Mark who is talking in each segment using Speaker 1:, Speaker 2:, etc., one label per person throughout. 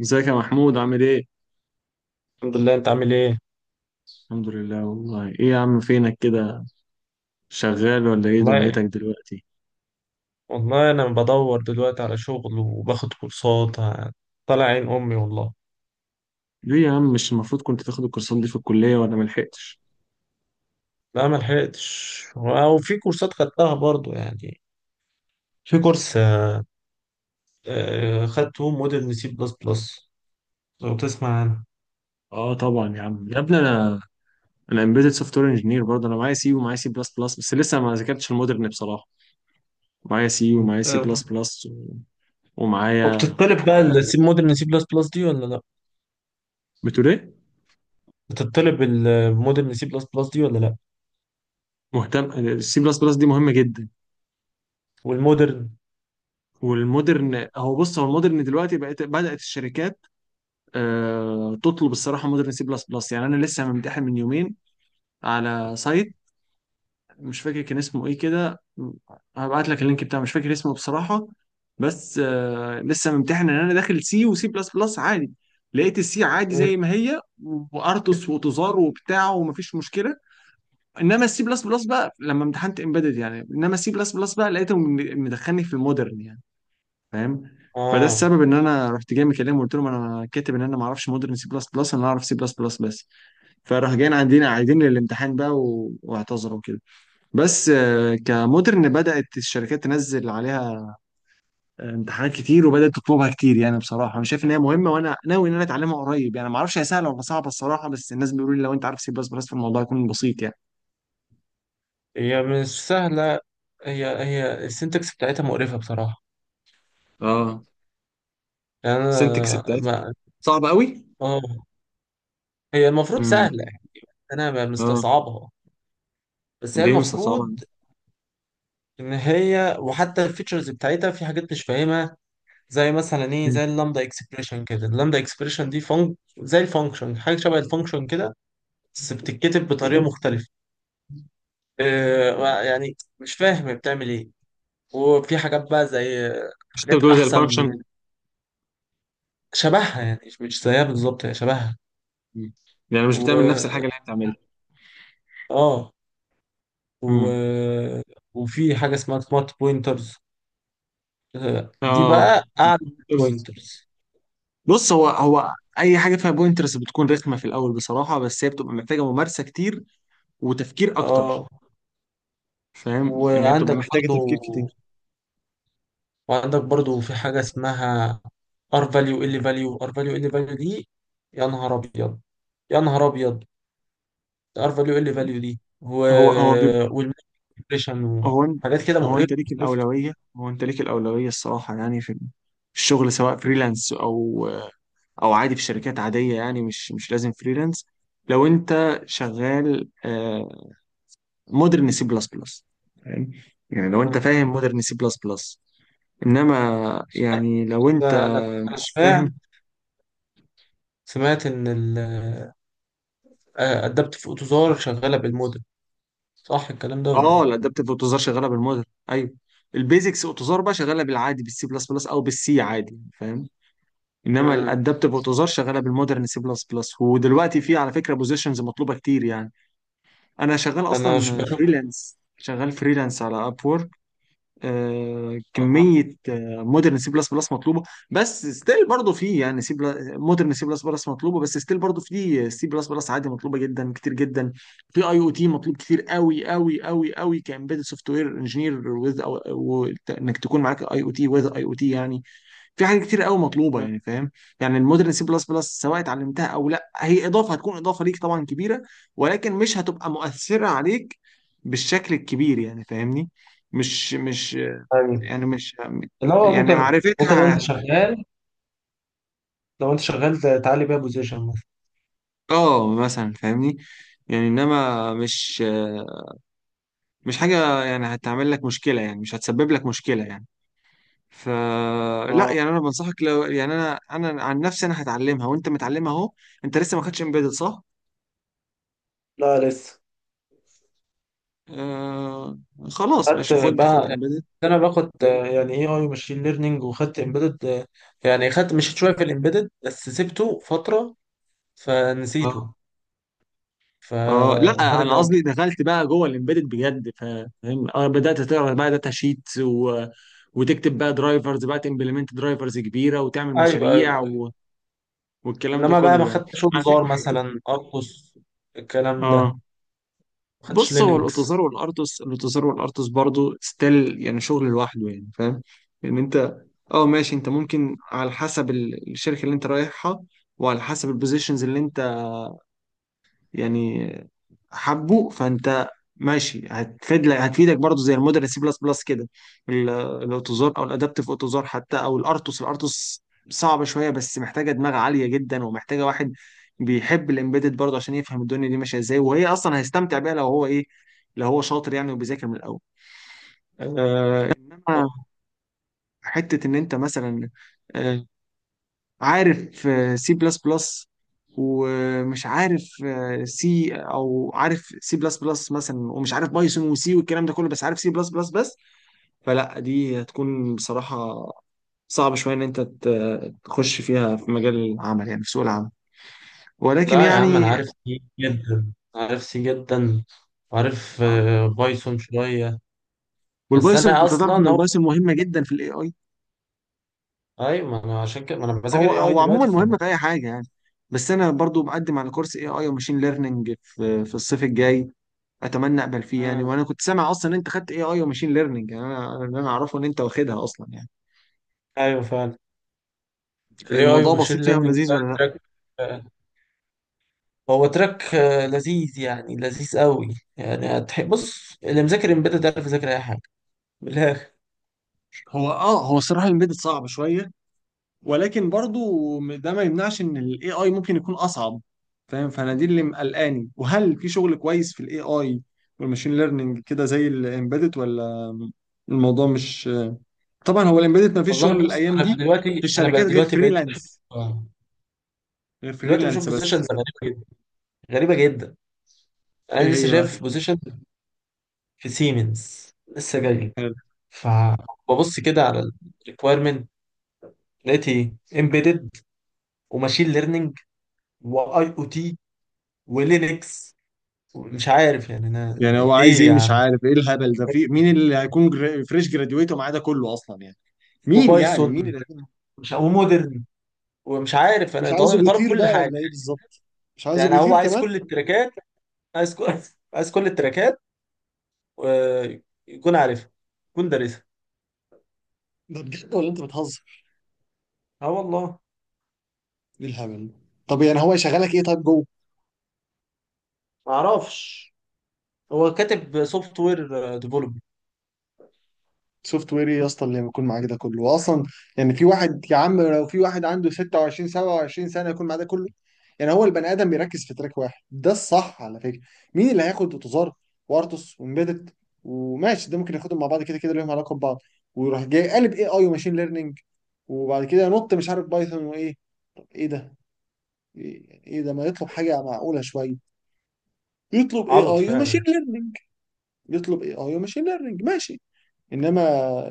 Speaker 1: ازيك يا محمود عامل ايه؟
Speaker 2: الحمد لله، انت عامل ايه؟
Speaker 1: الحمد لله. والله ايه يا عم فينك كده؟ شغال ولا ايه
Speaker 2: والله،
Speaker 1: دنيتك دلوقتي؟
Speaker 2: والله انا بدور دلوقتي على شغل وباخد كورسات طالع عين امي والله.
Speaker 1: ليه يا عم مش المفروض كنت تاخد الكورسات دي في الكلية ولا ملحقتش؟
Speaker 2: لا، ما لحقتش، او في كورسات خدتها برضو يعني. في كورس خدته مودرن سي بلس بلس، لو تسمع عنه
Speaker 1: اه طبعا يا عم يا ابني انا امبيدد سوفت وير انجينير برضه، انا معايا سي ومعايا سي بلس بلس بس لسه ما ذاكرتش المودرن بصراحة. معايا سي ومعايا سي بلس
Speaker 2: آه،
Speaker 1: بلس ومعايا.
Speaker 2: وبتطلب بقى المودرن سي بلس بلس دي ولا لا؟
Speaker 1: بتقول ايه؟
Speaker 2: بتطلب المودرن سي بلس بلس دي ولا لا؟
Speaker 1: مهتم، السي بلس بلس دي مهمة جدا
Speaker 2: والمودرن.
Speaker 1: والمودرن. هو بص المودرن دلوقتي بقت بدأت الشركات تطلب الصراحه مودرن سي بلس بلس، انا لسه ممتحن من يومين على سايت مش فاكر كان اسمه ايه كده، هبعت لك اللينك بتاعه، مش فاكر اسمه بصراحة. بس آه لسه ممتحن ان انا داخل سي وسي بلس بلس عادي، لقيت السي عادي
Speaker 2: مم.
Speaker 1: زي ما هي، وارتوس وتزار وبتاع ومفيش مشكلة. انما السي بلس بلس بقى لما امتحنت امبيدد، انما السي بلس بلس بقى لقيته مدخلني في المودرن، فاهم؟ فده
Speaker 2: اه،
Speaker 1: السبب ان انا رحت جاي مكلمه وقلت لهم انا كاتب ان انا ما اعرفش مودرن سي بلس بلس، انا اعرف سي بلس بلس بس. فراح جايين عندنا عايدين الامتحان بقى واعتذروا كده. بس آه، كمودرن بدأت الشركات تنزل عليها امتحانات كتير وبدأت تطلبها كتير، بصراحة أنا شايف إن هي مهمة، وأنا ناوي إن أنا أتعلمها قريب. يعني ما أعرفش هي سهلة ولا صعبة الصراحة، بس الناس بيقولوا لي لو أنت عارف سي بلس بلس فالموضوع يكون بسيط يعني.
Speaker 2: هي مش سهلة. هي السنتكس بتاعتها مقرفة بصراحة.
Speaker 1: اه،
Speaker 2: يعني
Speaker 1: سنتكس
Speaker 2: أنا
Speaker 1: بتاعتها
Speaker 2: ما
Speaker 1: صعبة قوي.
Speaker 2: اه، هي المفروض
Speaker 1: امم،
Speaker 2: سهلة يعني، انا
Speaker 1: اه،
Speaker 2: مستصعبها. بس هي
Speaker 1: ليه مش صعبة.
Speaker 2: المفروض ان هي، وحتى الفيتشرز بتاعتها في حاجات مش فاهمها، زي مثلا ايه،
Speaker 1: مم.
Speaker 2: زي اللامدا اكسبريشن كده، اللامدا اكسبريشن دي زي الفانكشن، حاجة شبه الفانكشن كده، بس بتتكتب بطريقة مختلفة. يعني مش فاهم بتعمل ايه. وفي حاجات بقى زي،
Speaker 1: مش انت
Speaker 2: حاجات
Speaker 1: بتقول زي
Speaker 2: احسن
Speaker 1: الفانكشن؟
Speaker 2: من، شبهها يعني، مش زيها بالظبط، هي شبهها
Speaker 1: يعني مش
Speaker 2: و،
Speaker 1: بتعمل نفس الحاجة اللي هي بتعملها.
Speaker 2: اه، و...
Speaker 1: امم،
Speaker 2: وفي حاجة اسمها سمارت بوينترز، دي
Speaker 1: اه.
Speaker 2: بقى قاعدة البوينترز.
Speaker 1: بص، هو أي حاجة فيها بوينترز بتكون رخمة في الأول بصراحة، بس هي بتبقى محتاجة ممارسة كتير وتفكير اكتر.
Speaker 2: اه.
Speaker 1: فاهم ان هي بتبقى
Speaker 2: وعندك
Speaker 1: محتاجة تفكير
Speaker 2: برضو
Speaker 1: كتير.
Speaker 2: وعندك برضو في حاجة اسمها، ار فاليو ال فاليو، ار فاليو ال فاليو دي. يا نهار ابيض، يا نهار ابيض! ار فاليو ال فاليو دي
Speaker 1: هو هو بيب...
Speaker 2: والمانيبيوليشن
Speaker 1: هو انت،
Speaker 2: وحاجات كده،
Speaker 1: هو
Speaker 2: مقرفة
Speaker 1: انت ليك
Speaker 2: مقرفة.
Speaker 1: الاولويه هو انت ليك الاولويه الصراحه، يعني في في الشغل، سواء فريلانس او او عادي في شركات عاديه، يعني مش مش لازم فريلانس. لو انت شغال مودرن سي بلس بلس، فاهم يعني؟ لو انت
Speaker 2: مم.
Speaker 1: فاهم مودرن سي بلس بلس، انما يعني لو انت
Speaker 2: فانا
Speaker 1: مش
Speaker 2: سمعت،
Speaker 1: فاهم.
Speaker 2: ان ال آه، ادبت في اوتوزار شغالة بالموديل، صح الكلام ده ولا
Speaker 1: اه،
Speaker 2: ايه؟
Speaker 1: الادابتيف اوتوزار شغاله بالموديل، ايوه. البيزكس اوتوزار بقى شغاله بالعادي، بالسي بلس بلس او بالسي عادي، فاهم؟ انما
Speaker 2: مم.
Speaker 1: الادابتيف اوتوزار شغاله بالمودرن سي بلس بلس، ودلوقتي في على فكره بوزيشنز مطلوبه كتير يعني. انا شغال
Speaker 2: انا مش
Speaker 1: اصلا
Speaker 2: بشوف.
Speaker 1: فريلانس، شغال فريلانس على اب. آه،
Speaker 2: آه.
Speaker 1: كميه مودرن سي بلس بلس مطلوبه، بس ستيل برضه في يعني سي. مودرن سي بلس بلس مطلوبه، بس ستيل برضه في سي بلس بلس عادي مطلوبه جدا كتير جدا. في اي او تي مطلوب كتير قوي قوي قوي قوي، كامبيدد سوفت وير انجينير وذ، انك تكون معاك اي او تي وذ اي او تي، يعني في حاجات كتير قوي مطلوبه
Speaker 2: مم.
Speaker 1: يعني، فاهم؟ يعني المودرن سي بلس بلس سواء اتعلمتها او لا هي اضافه، هتكون اضافه ليك طبعا كبيره، ولكن مش هتبقى مؤثره عليك بالشكل الكبير يعني، فاهمني؟ مش مش
Speaker 2: أيوة.
Speaker 1: يعني مش
Speaker 2: اللي هو
Speaker 1: يعني
Speaker 2: ممكن
Speaker 1: معرفتها.
Speaker 2: لو انت شغال تعلي بيها بوزيشن مثلا.
Speaker 1: اه مثلا، فاهمني؟ يعني انما مش حاجه يعني هتعمل لك مشكله، يعني مش هتسبب لك مشكله يعني. فلا
Speaker 2: اه،
Speaker 1: يعني انا بنصحك، لو يعني انا عن نفسي انا هتعلمها، وانت متعلمها اهو. انت لسه ما خدتش امبيدد صح؟
Speaker 2: لا، لسه.
Speaker 1: آه، خلاص
Speaker 2: خدت
Speaker 1: ماشي، خد
Speaker 2: بقى،
Speaker 1: امبيدد.
Speaker 2: انا باخد يعني اي اي ماشين ليرنينج، وخدت امبيدد. يعني مشيت شويه في الامبيدد بس سبته فتره، فنسيته،
Speaker 1: اه اه، لا انا
Speaker 2: فهرجع.
Speaker 1: قصدي دخلت بقى جوه الامبيدد بجد، فاهم؟ اه بدات تقرا بقى داتا شيت وتكتب بقى درايفرز، بقى تمبلمنت درايفرز كبيره، وتعمل
Speaker 2: ايوه،
Speaker 1: مشاريع
Speaker 2: ايوه، أيوة.
Speaker 1: والكلام ده
Speaker 2: انما بقى ما
Speaker 1: كله يعني،
Speaker 2: خدتش
Speaker 1: على فكره.
Speaker 2: انذار مثلا، ارقص الكلام ده.
Speaker 1: اه،
Speaker 2: ما خدتش
Speaker 1: بص، هو الاوتوزار
Speaker 2: لينكس.
Speaker 1: والارتوس، الاوتوزار والارتوس برضو ستيل يعني شغل لوحده يعني، فاهم؟ ان انت، اه ماشي، انت ممكن على حسب الشركه اللي انت رايحها، وعلى حسب البوزيشنز اللي انت يعني، حبه. فانت ماشي، هتفيدك برضه زي المودرن سي بلس بلس كده. ال- الاوتوزار او الادابتيف اوتوزار حتى، او الارتوس. الارتوس صعبه شويه، بس محتاجه دماغ عاليه جدا، ومحتاجه واحد بيحب الامبيدد برضه عشان يفهم الدنيا دي ماشيه ازاي، وهي اصلا هيستمتع بيها لو هو ايه، لو هو شاطر يعني وبيذاكر من الاول. آه، انما حته ان انت مثلا، آه، عارف سي بلس بلس ومش عارف سي، او عارف سي بلس بلس مثلا ومش عارف بايثون وسي والكلام ده كله بس عارف سي بلس بلس بس، فلا دي هتكون بصراحة صعب شوية ان انت تخش فيها في مجال العمل، يعني في سوق العمل، ولكن
Speaker 2: لا يا عم، انا
Speaker 1: يعني.
Speaker 2: عارف سي جدا، عارف سي جدا، وعارف بايثون شويه. بس
Speaker 1: والبايثون،
Speaker 2: انا
Speaker 1: انت تعرف ان
Speaker 2: اصلا
Speaker 1: البايثون مهمة جدا في الاي اي.
Speaker 2: ايوه، ما انا عشان كده، ما انا بذاكر
Speaker 1: هو
Speaker 2: اي اي
Speaker 1: هو عموما
Speaker 2: دلوقتي
Speaker 1: مهمة في اي حاجة يعني. بس انا برضو بقدم على كورس اي اي وماشين ليرنينج في في الصيف الجاي، اتمنى اقبل فيه يعني.
Speaker 2: مم.
Speaker 1: وانا كنت سامع اصلا ان انت خدت اي اي وماشين ليرنينج، يعني اللي انا اعرفه ان انت واخدها اصلا يعني.
Speaker 2: ايوه فعلا. الاي اي
Speaker 1: الموضوع
Speaker 2: وماشين
Speaker 1: بسيط فيها
Speaker 2: ليرنينج
Speaker 1: ولذيذ
Speaker 2: ده
Speaker 1: ولا لا؟
Speaker 2: تراك. هو تراك لذيذ، يعني لذيذ قوي. يعني بص، اللي مذاكر امبيدد ده عارف يذاكر اي حاجه، من الاخر.
Speaker 1: هو اه، هو الصراحه الامبيدد صعب شويه، ولكن برضو ده ما يمنعش ان الاي اي ممكن يكون اصعب، فاهم؟ فانا دي اللي مقلقاني، وهل في شغل كويس في الاي اي والماشين ليرنينج كده زي الامبيدد، ولا الموضوع مش آه؟ طبعا هو الامبيدد ما فيش
Speaker 2: والله،
Speaker 1: شغل
Speaker 2: بص،
Speaker 1: الايام دي في
Speaker 2: انا بقى
Speaker 1: الشركات غير
Speaker 2: دلوقتي بقيت بشوف
Speaker 1: فريلانس، غير
Speaker 2: دلوقتي بشوف
Speaker 1: فريلانس بس.
Speaker 2: بوزيشنز غريبه جدا، غريبه جدا.
Speaker 1: ايه
Speaker 2: انا لسه
Speaker 1: هي بقى؟
Speaker 2: شايف بوزيشن في سيمنز لسه جاي، فببص كده على الريكويرمنت، لقيت ايه، امبيدد وماشين ليرنينج واي او تي ولينكس. مش عارف يعني، انا
Speaker 1: يعني
Speaker 2: يعني
Speaker 1: هو عايز
Speaker 2: ايه
Speaker 1: ايه؟
Speaker 2: يا
Speaker 1: مش
Speaker 2: عم؟
Speaker 1: عارف ايه الهبل ده، في مين اللي هيكون فريش جراديويت ومعاه ده كله اصلا يعني؟ مين يعني، مين
Speaker 2: وبايثون،
Speaker 1: اللي هيكون؟
Speaker 2: مش، ومودرن، ومش عارف،
Speaker 1: مش
Speaker 2: انا،
Speaker 1: عايزه
Speaker 2: طالب طالب
Speaker 1: بيطير
Speaker 2: كل
Speaker 1: بقى
Speaker 2: حاجه.
Speaker 1: ولا ايه بالظبط؟ مش عايزه
Speaker 2: يعني هو
Speaker 1: بيطير
Speaker 2: عايز
Speaker 1: كمان.
Speaker 2: كل التراكات، عايز كل عايز كل التراكات. آه، يكون عارفها، يكون دارسها.
Speaker 1: ده بجد ولا انت بتهزر؟
Speaker 2: اه والله.
Speaker 1: ايه الهبل ده؟ طب يعني هو يشغلك ايه طيب جوه؟
Speaker 2: ما اعرفش، هو كاتب سوفت وير ديفلوبر.
Speaker 1: سوفت وير ايه يا اسطى اللي بيكون معاك ده كله واصلا؟ يعني في واحد يا عم، لو في واحد عنده 26 27 سنه يكون معاه ده كله؟ يعني هو البني ادم بيركز في تراك واحد، ده الصح على فكره. مين اللي هياخد اوتوزار وارتوس وامبيدد وماشي، ده ممكن ياخدهم مع بعض كده كده، ليهم علاقه ببعض، ويروح جاي قالب اي اي وماشين ليرنينج، وبعد كده نط مش عارف بايثون وايه؟ طب ايه ده؟ ايه ده ما يطلب حاجه معقوله شويه. يطلب اي
Speaker 2: عبط
Speaker 1: اي وماشين
Speaker 2: فعلا.
Speaker 1: ليرنينج، يطلب اي اي وماشين ليرنينج ماشي، انما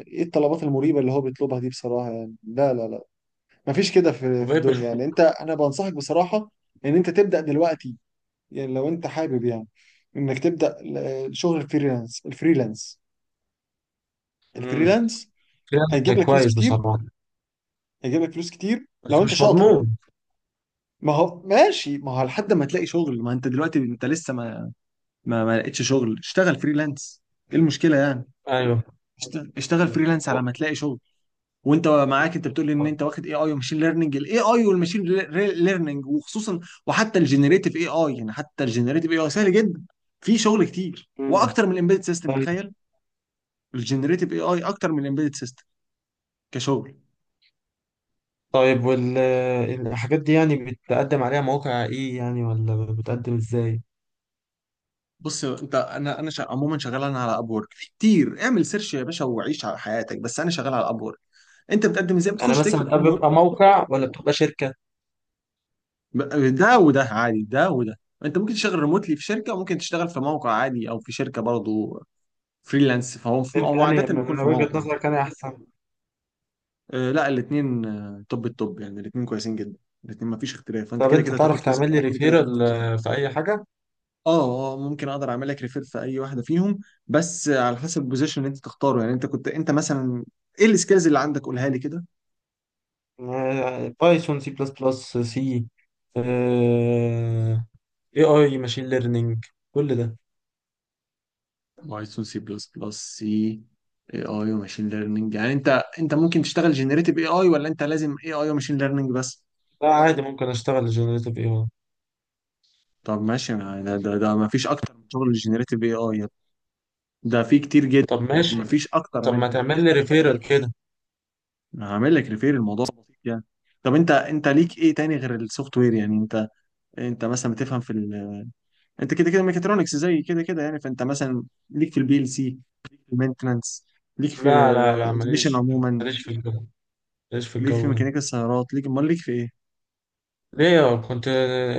Speaker 1: ايه الطلبات المريبه اللي هو بيطلبها دي بصراحه يعني، لا لا لا، مفيش كده في في
Speaker 2: وبقيت
Speaker 1: الدنيا
Speaker 2: بشوف.
Speaker 1: يعني. انت، انا بنصحك بصراحه ان انت تبدا دلوقتي، يعني لو انت حابب يعني انك تبدا شغل الفريلانس. الفريلانس
Speaker 2: امم.
Speaker 1: الفريلانس
Speaker 2: ده
Speaker 1: هيجيب لك فلوس
Speaker 2: كويس
Speaker 1: كتير،
Speaker 2: بصراحه.
Speaker 1: هيجيب لك فلوس كتير لو
Speaker 2: بس
Speaker 1: انت
Speaker 2: مش
Speaker 1: شاطر يعني.
Speaker 2: مضمون.
Speaker 1: ما هو ماشي، ما هو لحد ما تلاقي شغل، ما انت دلوقتي انت لسه ما، ما لقيتش شغل، اشتغل فريلانس. ايه المشكله يعني؟
Speaker 2: ايوه.
Speaker 1: اشتغل فريلانس على ما تلاقي شغل. وانت معاك، انت بتقول ان انت واخد اي اي وماشين ليرننج. الاي اي والماشين ليرننج وخصوصا وحتى الجنريتيف اي اي، يعني حتى الجنريتيف اي اي سهل جدا، في شغل كتير،
Speaker 2: مم.
Speaker 1: واكتر من الامبيدد سيستم،
Speaker 2: طيب.
Speaker 1: تخيل. الجنريتيف اي اي اكتر من الامبيدد سيستم كشغل.
Speaker 2: طيب، والحاجات دي يعني بتقدم عليها موقع ايه يعني، ولا بتقدم ازاي؟
Speaker 1: بص انت، عموما شغال انا على ابورك، في كتير اعمل سيرش يا باشا وعيش على حياتك، بس انا شغال على ابورك. انت بتقدم ازاي؟
Speaker 2: يعني
Speaker 1: بتخش
Speaker 2: مثلا
Speaker 1: تكتب
Speaker 2: ده
Speaker 1: ابورك.
Speaker 2: بيبقى موقع ولا بتبقى شركة؟
Speaker 1: ده عادي، ده وده، انت ممكن تشتغل ريموتلي في شركه، وممكن تشتغل في موقع عادي او في شركه برضه فريلانس. فهو في
Speaker 2: انت
Speaker 1: هو
Speaker 2: يعني،
Speaker 1: عادة بيكون
Speaker 2: من
Speaker 1: في
Speaker 2: وجهة
Speaker 1: موقع.
Speaker 2: نظرك انا احسن؟
Speaker 1: آه لا، الاثنين. آه طب يعني الاثنين كويسين جدا، الاثنين ما فيش اختلاف. فانت
Speaker 2: طب
Speaker 1: كده
Speaker 2: انت
Speaker 1: كده
Speaker 2: تعرف
Speaker 1: هتاخد فلوسك
Speaker 2: تعمل لي
Speaker 1: هنا، كده كده هتاخد
Speaker 2: ريفيرال
Speaker 1: فلوسك هنا.
Speaker 2: في اي حاجة؟
Speaker 1: اه اه، ممكن اقدر اعمل لك ريفير في اي واحده فيهم، بس على حسب البوزيشن اللي انت تختاره. يعني انت كنت انت مثلا، ايه السكيلز اللي عندك؟ قولها لي كده.
Speaker 2: بايثون، سي بلس بلس، سي، اي اي، ماشين ليرنينج، كل ده.
Speaker 1: بايثون سي بلس بلس سي، اي اي وماشين ليرنينج، يعني انت، انت ممكن تشتغل جنريتيف اي اي، ولا انت لازم اي اي وماشين ليرنينج بس؟
Speaker 2: لا، عادي، ممكن اشتغل جنريتيف اي اي.
Speaker 1: طب ماشي، ده ما فيش اكتر من شغل الجنريتيف اي اي، ده في كتير جدا،
Speaker 2: طب ماشي.
Speaker 1: مفيش اكتر
Speaker 2: طب ما
Speaker 1: منهم.
Speaker 2: تعمل لي ريفيرال كده.
Speaker 1: هعمل لك ريفير، الموضوع بسيط يعني. طب انت، انت ليك ايه تاني غير السوفت وير؟ يعني انت، انت مثلا بتفهم في انت كده كده ميكاترونكس زي كده كده، يعني فانت مثلا ليك في البي ال سي، المينتنانس، ليك في
Speaker 2: لا، لا، لا،
Speaker 1: الاوتوميشن
Speaker 2: ماليش.
Speaker 1: عموما،
Speaker 2: ماليش في الجو، ماليش في
Speaker 1: ليك في
Speaker 2: الجو ده.
Speaker 1: ميكانيكا السيارات، ليك، امال ليك في ايه؟
Speaker 2: ليه كنت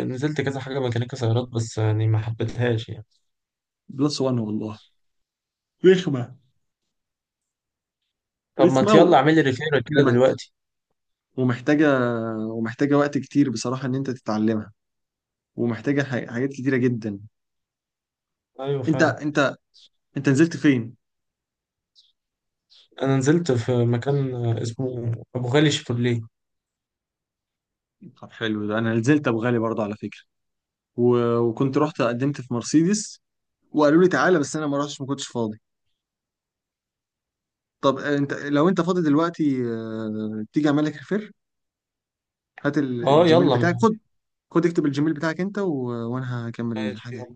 Speaker 2: نزلت كذا حاجة ميكانيكا سيارات، بس يعني ما حبيتهاش يعني.
Speaker 1: بلس وان والله، رخمه،
Speaker 2: طب ما
Speaker 1: رخمه و-
Speaker 2: يلا، اعمل لي ريفير كده
Speaker 1: ومح-
Speaker 2: دلوقتي.
Speaker 1: ومحتاجه، ومحتاجه وقت كتير بصراحه ان انت تتعلمها، ومحتاجه حاجات كتيره جدا.
Speaker 2: ايوه
Speaker 1: انت
Speaker 2: فعلا.
Speaker 1: انت انت نزلت فين؟
Speaker 2: انا نزلت في مكان اسمه ابو غالي شيفروليه.
Speaker 1: طب حلو، ده انا نزلت ابو غالي برضه على فكره، وكنت رحت قدمت في مرسيدس وقالوا لي تعالى بس انا ما رحتش، ما كنتش فاضي. طب آه، انت لو انت فاضي دلوقتي آه، تيجي اعمل لك ريفير. هات
Speaker 2: اه
Speaker 1: الجيميل
Speaker 2: يلا
Speaker 1: بتاعك،
Speaker 2: ما.
Speaker 1: خد، خد اكتب الجيميل بتاعك انت وانا هكمل
Speaker 2: ماشي.
Speaker 1: الحاجه.